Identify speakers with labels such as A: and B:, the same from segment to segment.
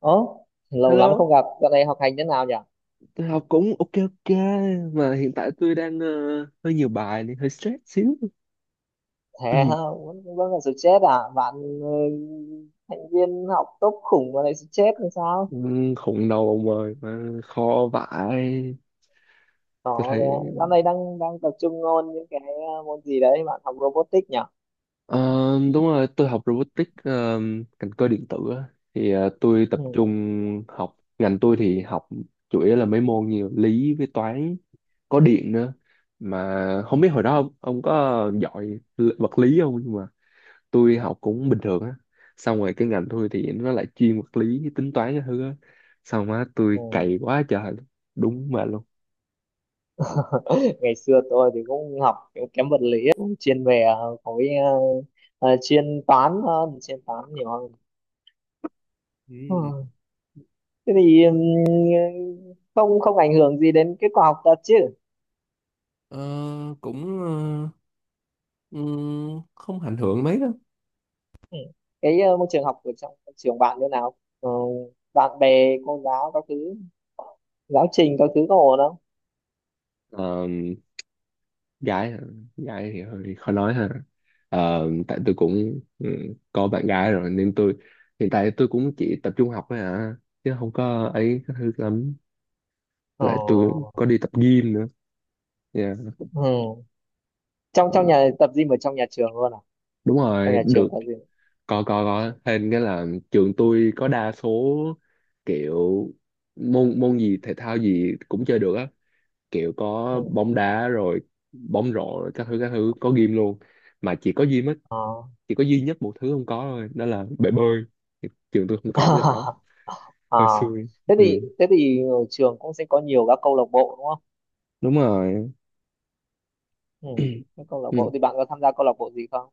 A: Ố, lâu lắm
B: Hello,
A: không gặp, dạo này học hành thế nào nhỉ?
B: tôi học cũng ok ok mà hiện tại tôi đang hơi nhiều bài nên hơi stress xíu.
A: Thế hả? Vẫn vẫn còn stress à? Bạn ừ, thành viên học tốt khủng mà lại stress làm sao?
B: Khủng đầu ông ơi mà khó vãi. Tôi
A: Đó,
B: thấy
A: đấy. Dạo này đang đang tập trung ôn những cái môn gì đấy, bạn học robotics nhỉ?
B: ờ, đúng rồi, tôi học robotics, ngành cơ điện tử á. Thì tôi tập
A: Ừ.
B: trung học, ngành tôi thì học chủ yếu là mấy môn như lý với toán, có điện nữa. Mà không biết hồi đó ông có giỏi vật lý không, nhưng tôi học cũng bình thường á, xong rồi cái ngành tôi thì nó lại chuyên vật lý tính toán cái thứ á, xong á tôi
A: Ừ.
B: cày quá trời luôn. Đúng mà luôn.
A: Ngày xưa tôi thì cũng học kiểu kém vật lý, cũng chuyên về khối chuyên toán hơn, chuyên toán nhiều hơn.
B: Ừ.
A: Ừ. Thế thì không không ảnh hưởng gì đến kết quả học tập chứ?
B: Ờ, cũng, không ảnh hưởng mấy đâu.
A: Ừ. Cái môi trường học ở trong trường bạn như nào? Ờ, bạn bè, cô giáo các thứ, giáo trình các thứ có ổn không?
B: Ờ, gái hả? Gái thì hơi khó nói ha. Ờ, tại tôi cũng, có bạn gái rồi nên tôi, hiện tại tôi cũng chỉ tập trung học thôi à, chứ không có ấy cái thứ lắm,
A: Ờ,
B: lại tôi có đi tập gym nữa. Dạ.
A: Ừ. Trong
B: Ừ,
A: trong nhà tập gym ở trong nhà trường luôn à?
B: đúng
A: Trong
B: rồi,
A: nhà trường
B: được.
A: tập gym.
B: Có thêm cái là trường tôi có đa số, kiểu môn môn gì thể thao gì cũng chơi được á, kiểu có
A: Ừ.
B: bóng đá rồi, bóng rổ rồi, các thứ các thứ, có gym luôn, mà chỉ có gym á,
A: ờ,
B: chỉ có duy nhất một thứ không có thôi đó là bể bơi. Thì trường tôi không có cái đó,
A: À,
B: hơi xui.
A: thế
B: Ừ,
A: thì thế thì ở trường cũng sẽ có nhiều các câu lạc bộ đúng không?
B: đúng rồi.
A: Ừ. Các câu lạc bộ
B: Ừ.
A: thì bạn có tham gia câu lạc bộ gì không?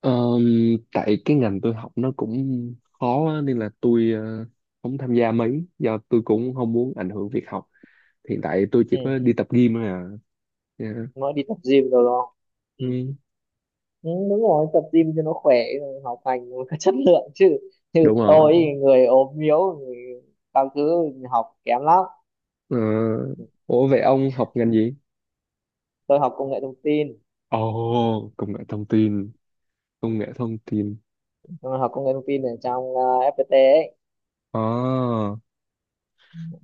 B: Tại cái ngành tôi học nó cũng khó á, nên là tôi không tham gia mấy, do tôi cũng không muốn ảnh hưởng việc học, hiện tại tôi chỉ
A: Ừ.
B: có đi tập gym thôi à. Dạ.
A: Mới đi tập gym rồi đúng không? Ừ.
B: Ừ,
A: Ừ, đúng rồi, tập gym cho nó khỏe, học hành nó có chất lượng chứ. Như
B: đúng
A: tôi
B: rồi.
A: thì người ốm yếu, người các thứ, học kém lắm.
B: Ờ, ủa vậy ông học ngành gì?
A: Tôi học công nghệ thông tin.
B: Ồ, công nghệ thông tin, công nghệ thông tin
A: Tôi học công nghệ thông tin ở trong FPT ấy.
B: à.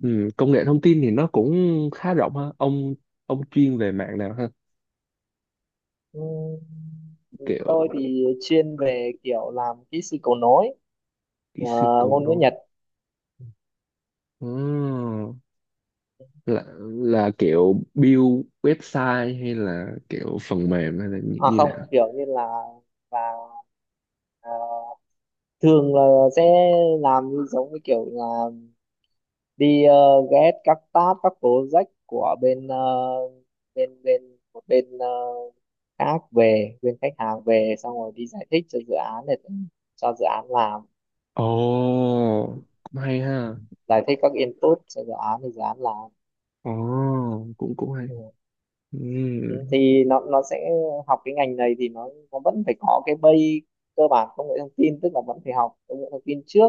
B: Ừ, công nghệ thông tin thì nó cũng khá rộng ha ông chuyên về mạng nào ha?
A: Ừ, tôi
B: Kiểu
A: thì chuyên về kiểu làm kỹ sư cầu nối,
B: kỹ
A: ờ,
B: sư cầu
A: ngôn ngữ
B: nối.
A: Nhật.
B: Ờ, là kiểu build website, hay là kiểu phần mềm, hay là như,
A: À
B: như
A: không,
B: nào?
A: kiểu như là là ờ, thường là sẽ làm như giống như kiểu là đi ghé các tab các project của bên ờ, bên bên một bên ờ, khác, về bên khách hàng về, xong rồi đi giải thích cho dự án để cho dự án làm,
B: Ồ, cũng hay ha.
A: giải thích các input cho dự án thì dự án làm.
B: Ồ, cũng cũng hay. Ừ.
A: Ừ, thì nó sẽ, học cái ngành này thì nó vẫn phải có cái base cơ bản công nghệ thông tin, tức là vẫn phải học công nghệ thông tin trước.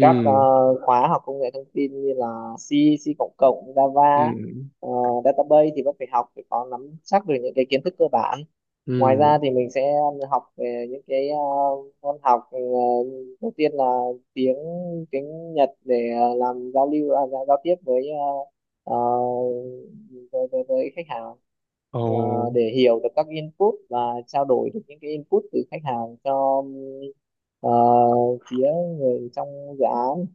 A: Các khóa học công nghệ thông tin như là C, C cộng cộng, Java,
B: ừ,
A: ờ, database thì vẫn phải học, phải có nắm chắc được những cái kiến thức cơ bản. Ngoài ra
B: ừ.
A: thì mình sẽ học về những cái môn học, đầu tiên là tiếng tiếng Nhật để làm giao lưu à, giao giao tiếp với ờ, ờ, với khách hàng.
B: Ồ,
A: Ờ, để hiểu được các input và trao đổi được những cái input từ khách hàng cho ờ, phía người trong dự án.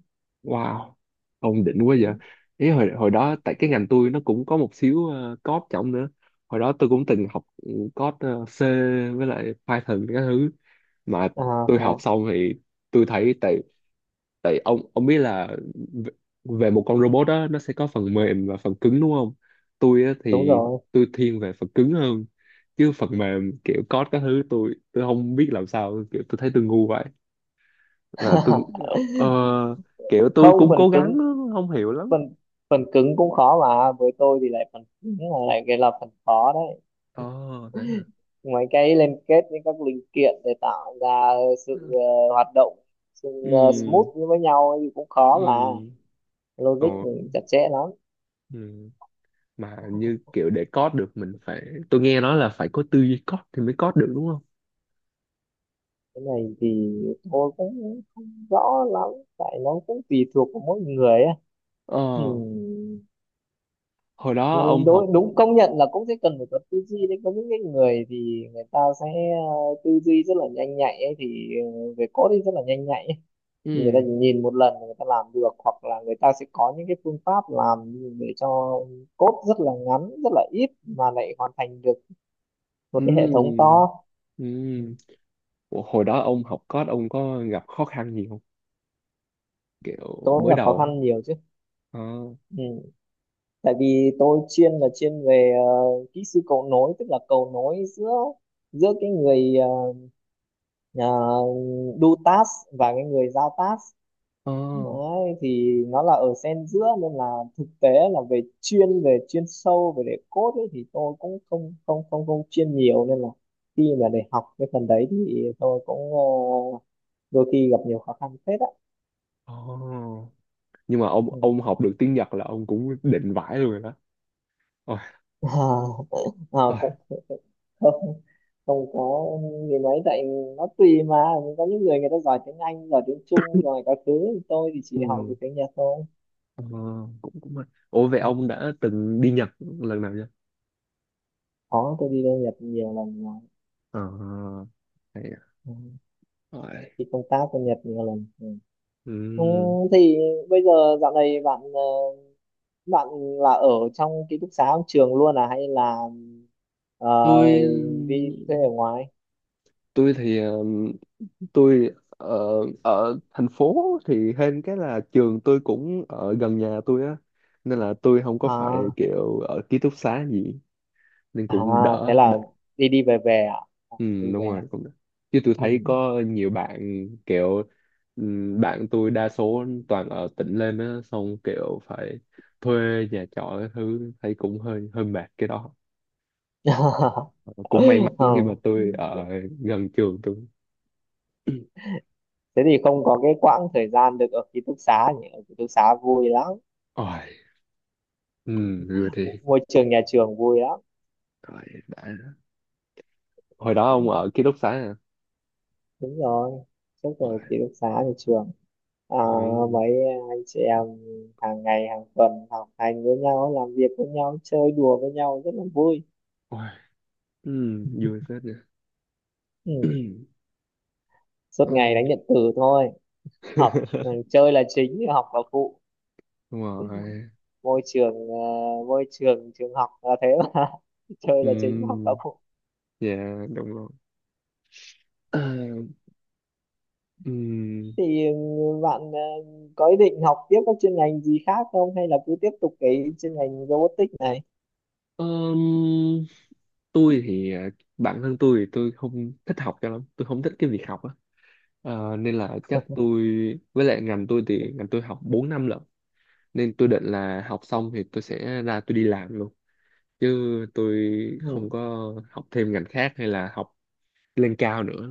B: wow, ông đỉnh quá vậy.
A: Ừ.
B: Ý, hồi hồi đó tại cái ngành tôi nó cũng có một xíu code trọng nữa. Hồi đó tôi cũng từng học, code, C với lại Python các thứ. Mà
A: à,
B: tôi
A: thế
B: học
A: à?
B: xong thì tôi thấy, tại tại ông biết là, v- về một con robot đó nó sẽ có phần mềm và phần cứng đúng không. Tôi á,
A: Đúng
B: thì
A: rồi.
B: tôi thiên về phần cứng hơn, chứ phần mềm kiểu code các thứ, tôi không biết làm sao, kiểu tôi thấy tôi ngu, là tôi, ờ, kiểu tôi
A: Không,
B: cũng
A: phần
B: cố gắng
A: cứng,
B: lắm, không hiểu lắm.
A: phần phần cứng cũng khó mà, với tôi thì lại phần cứng là lại cái là phần khó đấy.
B: Ồ, thế hả?
A: Mấy cái liên kết với các linh kiện để tạo ra sự hoạt động, sự
B: Ừ,
A: smooth với nhau thì cũng
B: ừ.
A: khó mà, logic
B: Ồ.
A: thì chặt chẽ lắm.
B: Ừ. Mà như kiểu để code được mình phải, tôi nghe nói là phải có tư duy code thì mới code được đúng không?
A: Cái này thì tôi cũng không rõ lắm, tại nó cũng tùy thuộc vào mỗi người á. Ừ.
B: ờ Hồi đó ông
A: Nhưng
B: học.
A: đối đúng công nhận là cũng sẽ cần phải có tư duy đấy, có những cái người thì người ta sẽ ờ, tư duy rất là nhanh nhạy ấy, thì về code thì rất là nhanh nhạy ấy. Người ta
B: Ừ,
A: chỉ nhìn một lần là người ta làm được, hoặc là người ta sẽ có những cái phương pháp làm để cho code rất là ngắn rất là ít mà lại hoàn thành được một
B: ừ,
A: cái hệ thống to. Ừ,
B: ừ. Ủa, hồi đó ông học code ông có gặp khó khăn gì không, kiểu
A: tôi cũng
B: mới
A: gặp khó
B: đầu á?
A: khăn nhiều chứ.
B: Ờ,
A: Ừ. Tại vì tôi chuyên là chuyên về kỹ sư cầu nối, tức là cầu nối giữa giữa cái người do task và cái người giao task.
B: ờ,
A: Đấy, thì nó là ở xen giữa nên là thực tế là về chuyên sâu về để code ấy, thì tôi cũng không không không không chuyên nhiều nên là khi mà để học cái phần đấy thì tôi cũng đôi khi gặp nhiều khó khăn phết á.
B: ờ. Nhưng mà ông
A: Ừ.
B: ông học được tiếng Nhật là ông cũng định vãi luôn rồi đó.
A: à, à,
B: Ôi.
A: cũng không không có gì mấy, tại nó tùy mà, có những người người ta giỏi tiếng Anh, giỏi tiếng Trung giỏi các thứ, tôi thì chỉ học
B: Ừ.
A: được tiếng Nhật thôi.
B: Ờ, cũng cũng hay. Ủa vậy
A: Ừ.
B: ông đã từng đi Nhật lần nào chưa?
A: Có, tôi đi lên Nhật nhiều lần rồi.
B: Ờ, hay à.
A: Ừ.
B: Rồi.
A: Đi công tác bên Nhật nhiều lần. Ừ. Ừ,
B: Ừ.
A: thì bây giờ dạo này bạn bạn là ở trong ký túc xá trong trường luôn à hay là ờ,
B: Tôi
A: đi thuê ở ngoài.
B: tôi thì, tôi, ở thành phố, thì hên cái là trường tôi cũng ở gần nhà tôi á, nên là tôi không có phải
A: À
B: kiểu ở ký túc xá gì, nên
A: à,
B: cũng
A: thế
B: đỡ
A: là
B: đỡ.
A: đi đi về về à. À, đi
B: Ừ, đúng
A: về.
B: rồi, cũng được. Chứ tôi
A: Ừ.
B: thấy có nhiều bạn kiểu, bạn tôi đa số toàn ở tỉnh lên á, xong kiểu phải thuê nhà trọ cái thứ, thấy cũng hơi hơi mệt cái đó. Ờ, cũng may mắn khi mà
A: Không,
B: tôi ở gần trường tôi.
A: thế thì không có cái quãng thời gian được ở ký túc xá nhỉ, ở ký túc xá vui lắm.
B: Ôi. Ừ, rồi thì
A: Mu- môi trường nhà trường vui lắm.
B: rồi đã, hồi đó
A: Ừ,
B: ông ở ký túc xá à?
A: đúng rồi, trước ở
B: Ôi.
A: ký túc xá nhà trường. À,
B: Ừ.
A: mấy anh chị em hàng ngày hàng tuần học hành với nhau, làm việc với nhau, chơi đùa với nhau, rất là vui.
B: Ôi. Ừ, vui phết nha.
A: Ừ. Suốt ngày
B: Ừ.
A: đánh điện tử thôi, học ừ, chơi là chính học là phụ.
B: Đúng rồi.
A: Môi trường môi trường trường học là thế mà, chơi là chính học là
B: Ừ,
A: phụ.
B: dạ đúng rồi. Ừ.
A: Thì bạn có ý định học tiếp các chuyên ngành gì khác không, hay là cứ tiếp tục cái chuyên ngành robotics này.
B: Ờm, tôi thì, bản thân tôi thì tôi không thích học cho lắm, tôi không thích cái việc học á. Ờ, nên là chắc tôi, với lại ngành tôi thì ngành tôi học 4 năm lận, nên tôi định là học xong thì tôi sẽ ra tôi đi làm luôn, chứ tôi không
A: ừ
B: có học thêm ngành khác hay là học lên cao nữa,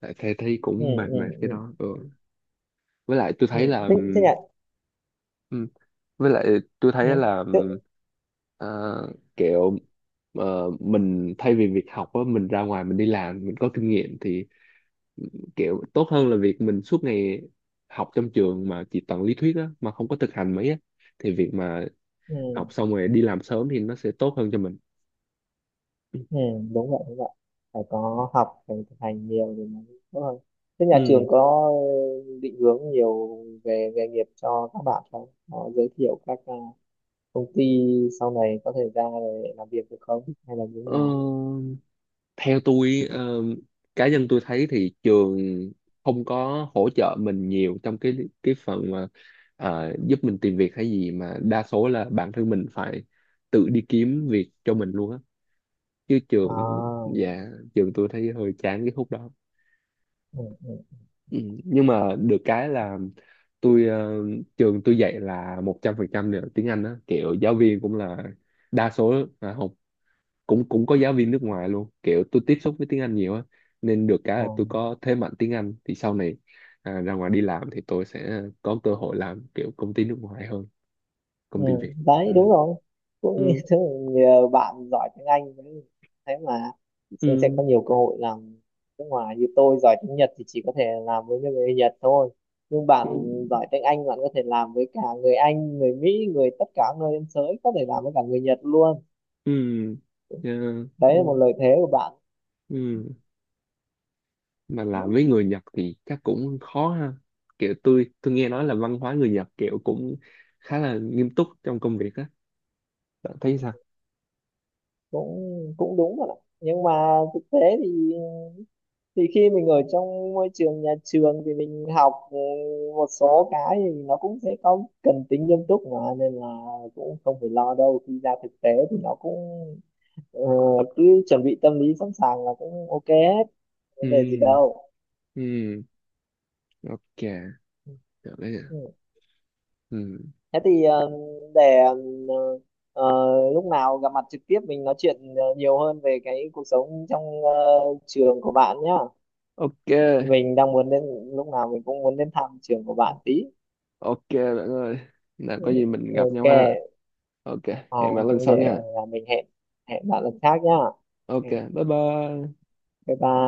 B: tại thấy thấy
A: ừ
B: cũng mệt
A: ừ
B: mệt cái
A: ừ
B: đó. Ừ. với lại tôi
A: ừ.
B: thấy là
A: Thế thế nhỉ.
B: ừm, với lại tôi
A: Ừ.
B: thấy là
A: Thế,
B: kiểu, mình thay vì việc học á, mình ra ngoài mình đi làm mình có kinh nghiệm thì kiểu tốt hơn là việc mình suốt ngày học trong trường mà chỉ toàn lý thuyết á, mà không có thực hành mấy á, thì việc mà học
A: ừ
B: xong rồi đi làm sớm thì nó sẽ tốt hơn cho mình.
A: ừ. Đúng vậy đúng vậy, phải có học phải thực hành nhiều thì mới tốt hơn. Thế nhà
B: Ừ.
A: trường có định hướng nhiều về nghề nghiệp cho các bạn không, có giới thiệu các công ty sau này có thể ra để làm việc được không hay là như thế
B: Ờ,
A: nào?
B: theo tôi, cá nhân tôi thấy thì trường không có hỗ trợ mình nhiều trong cái phần mà, giúp mình tìm việc hay gì, mà đa số là bản thân mình phải tự đi kiếm việc cho mình luôn á, chứ trường,
A: à,
B: dạ, trường tôi thấy hơi chán cái khúc đó.
A: ừ, ừ.
B: Ừ. Nhưng mà được cái là tôi, trường tôi dạy là 100% là tiếng Anh á, kiểu giáo viên cũng là đa số à, học cũng cũng có giáo viên nước ngoài luôn, kiểu tôi tiếp xúc với tiếng Anh nhiều á, nên được cái
A: ừ,
B: là tôi có thế mạnh tiếng Anh thì sau này, à, ra ngoài đi làm thì tôi sẽ có cơ hội làm kiểu công ty nước ngoài hơn
A: ừ,
B: công ty Việt.
A: đấy đúng
B: Ừ.
A: rồi, cũng như
B: Ừ.
A: thế, nhờ bạn giỏi tiếng Anh đấy. Thế mà Sương sẽ
B: Ừ.
A: có nhiều cơ hội làm nước ngoài, như tôi giỏi tiếng Nhật thì chỉ có thể làm với người Nhật thôi, nhưng bạn
B: Ừ.
A: giỏi tiếng Anh, bạn có thể làm với cả người Anh, người Mỹ, người tất cả nơi trên thế giới, có thể làm với cả người Nhật luôn.
B: Ừ. Yeah.
A: Đấy là
B: Đúng
A: một
B: rồi.
A: lợi thế của bạn.
B: Ừ. Mà
A: Ừ,
B: làm với người Nhật thì chắc cũng khó ha, kiểu tôi nghe nói là văn hóa người Nhật kiểu cũng khá là nghiêm túc trong công việc á. Bạn thấy sao?
A: cũng cũng đúng rồi ạ. Nhưng mà thực tế thì khi mình ở trong môi trường nhà trường thì mình học một số cái thì nó cũng sẽ có cần tính nghiêm túc mà, nên là cũng không phải lo đâu, khi ra thực tế thì nó cũng ờ, cứ chuẩn bị tâm lý sẵn sàng là cũng ok hết, vấn đề gì
B: Ừ,
A: đâu.
B: ừ, ok, được đấy nhỉ?
A: Ừ.
B: Ừ,
A: Thế thì để lúc nào gặp mặt trực tiếp mình nói chuyện nhiều hơn về cái cuộc sống trong trường của bạn nhá.
B: ok.
A: Mình đang muốn đến, lúc nào mình cũng muốn đến thăm trường của bạn tí.
B: Ok bạn ơi, là
A: Ừ,
B: có gì mình gặp
A: ok.
B: nhau ha. Ok,
A: Ờ,
B: hẹn bạn lần
A: cũng để
B: sau nha.
A: mình hẹn, hẹn bạn lần khác nhá.
B: Ok,
A: Ừ,
B: bye bye.
A: bye bye.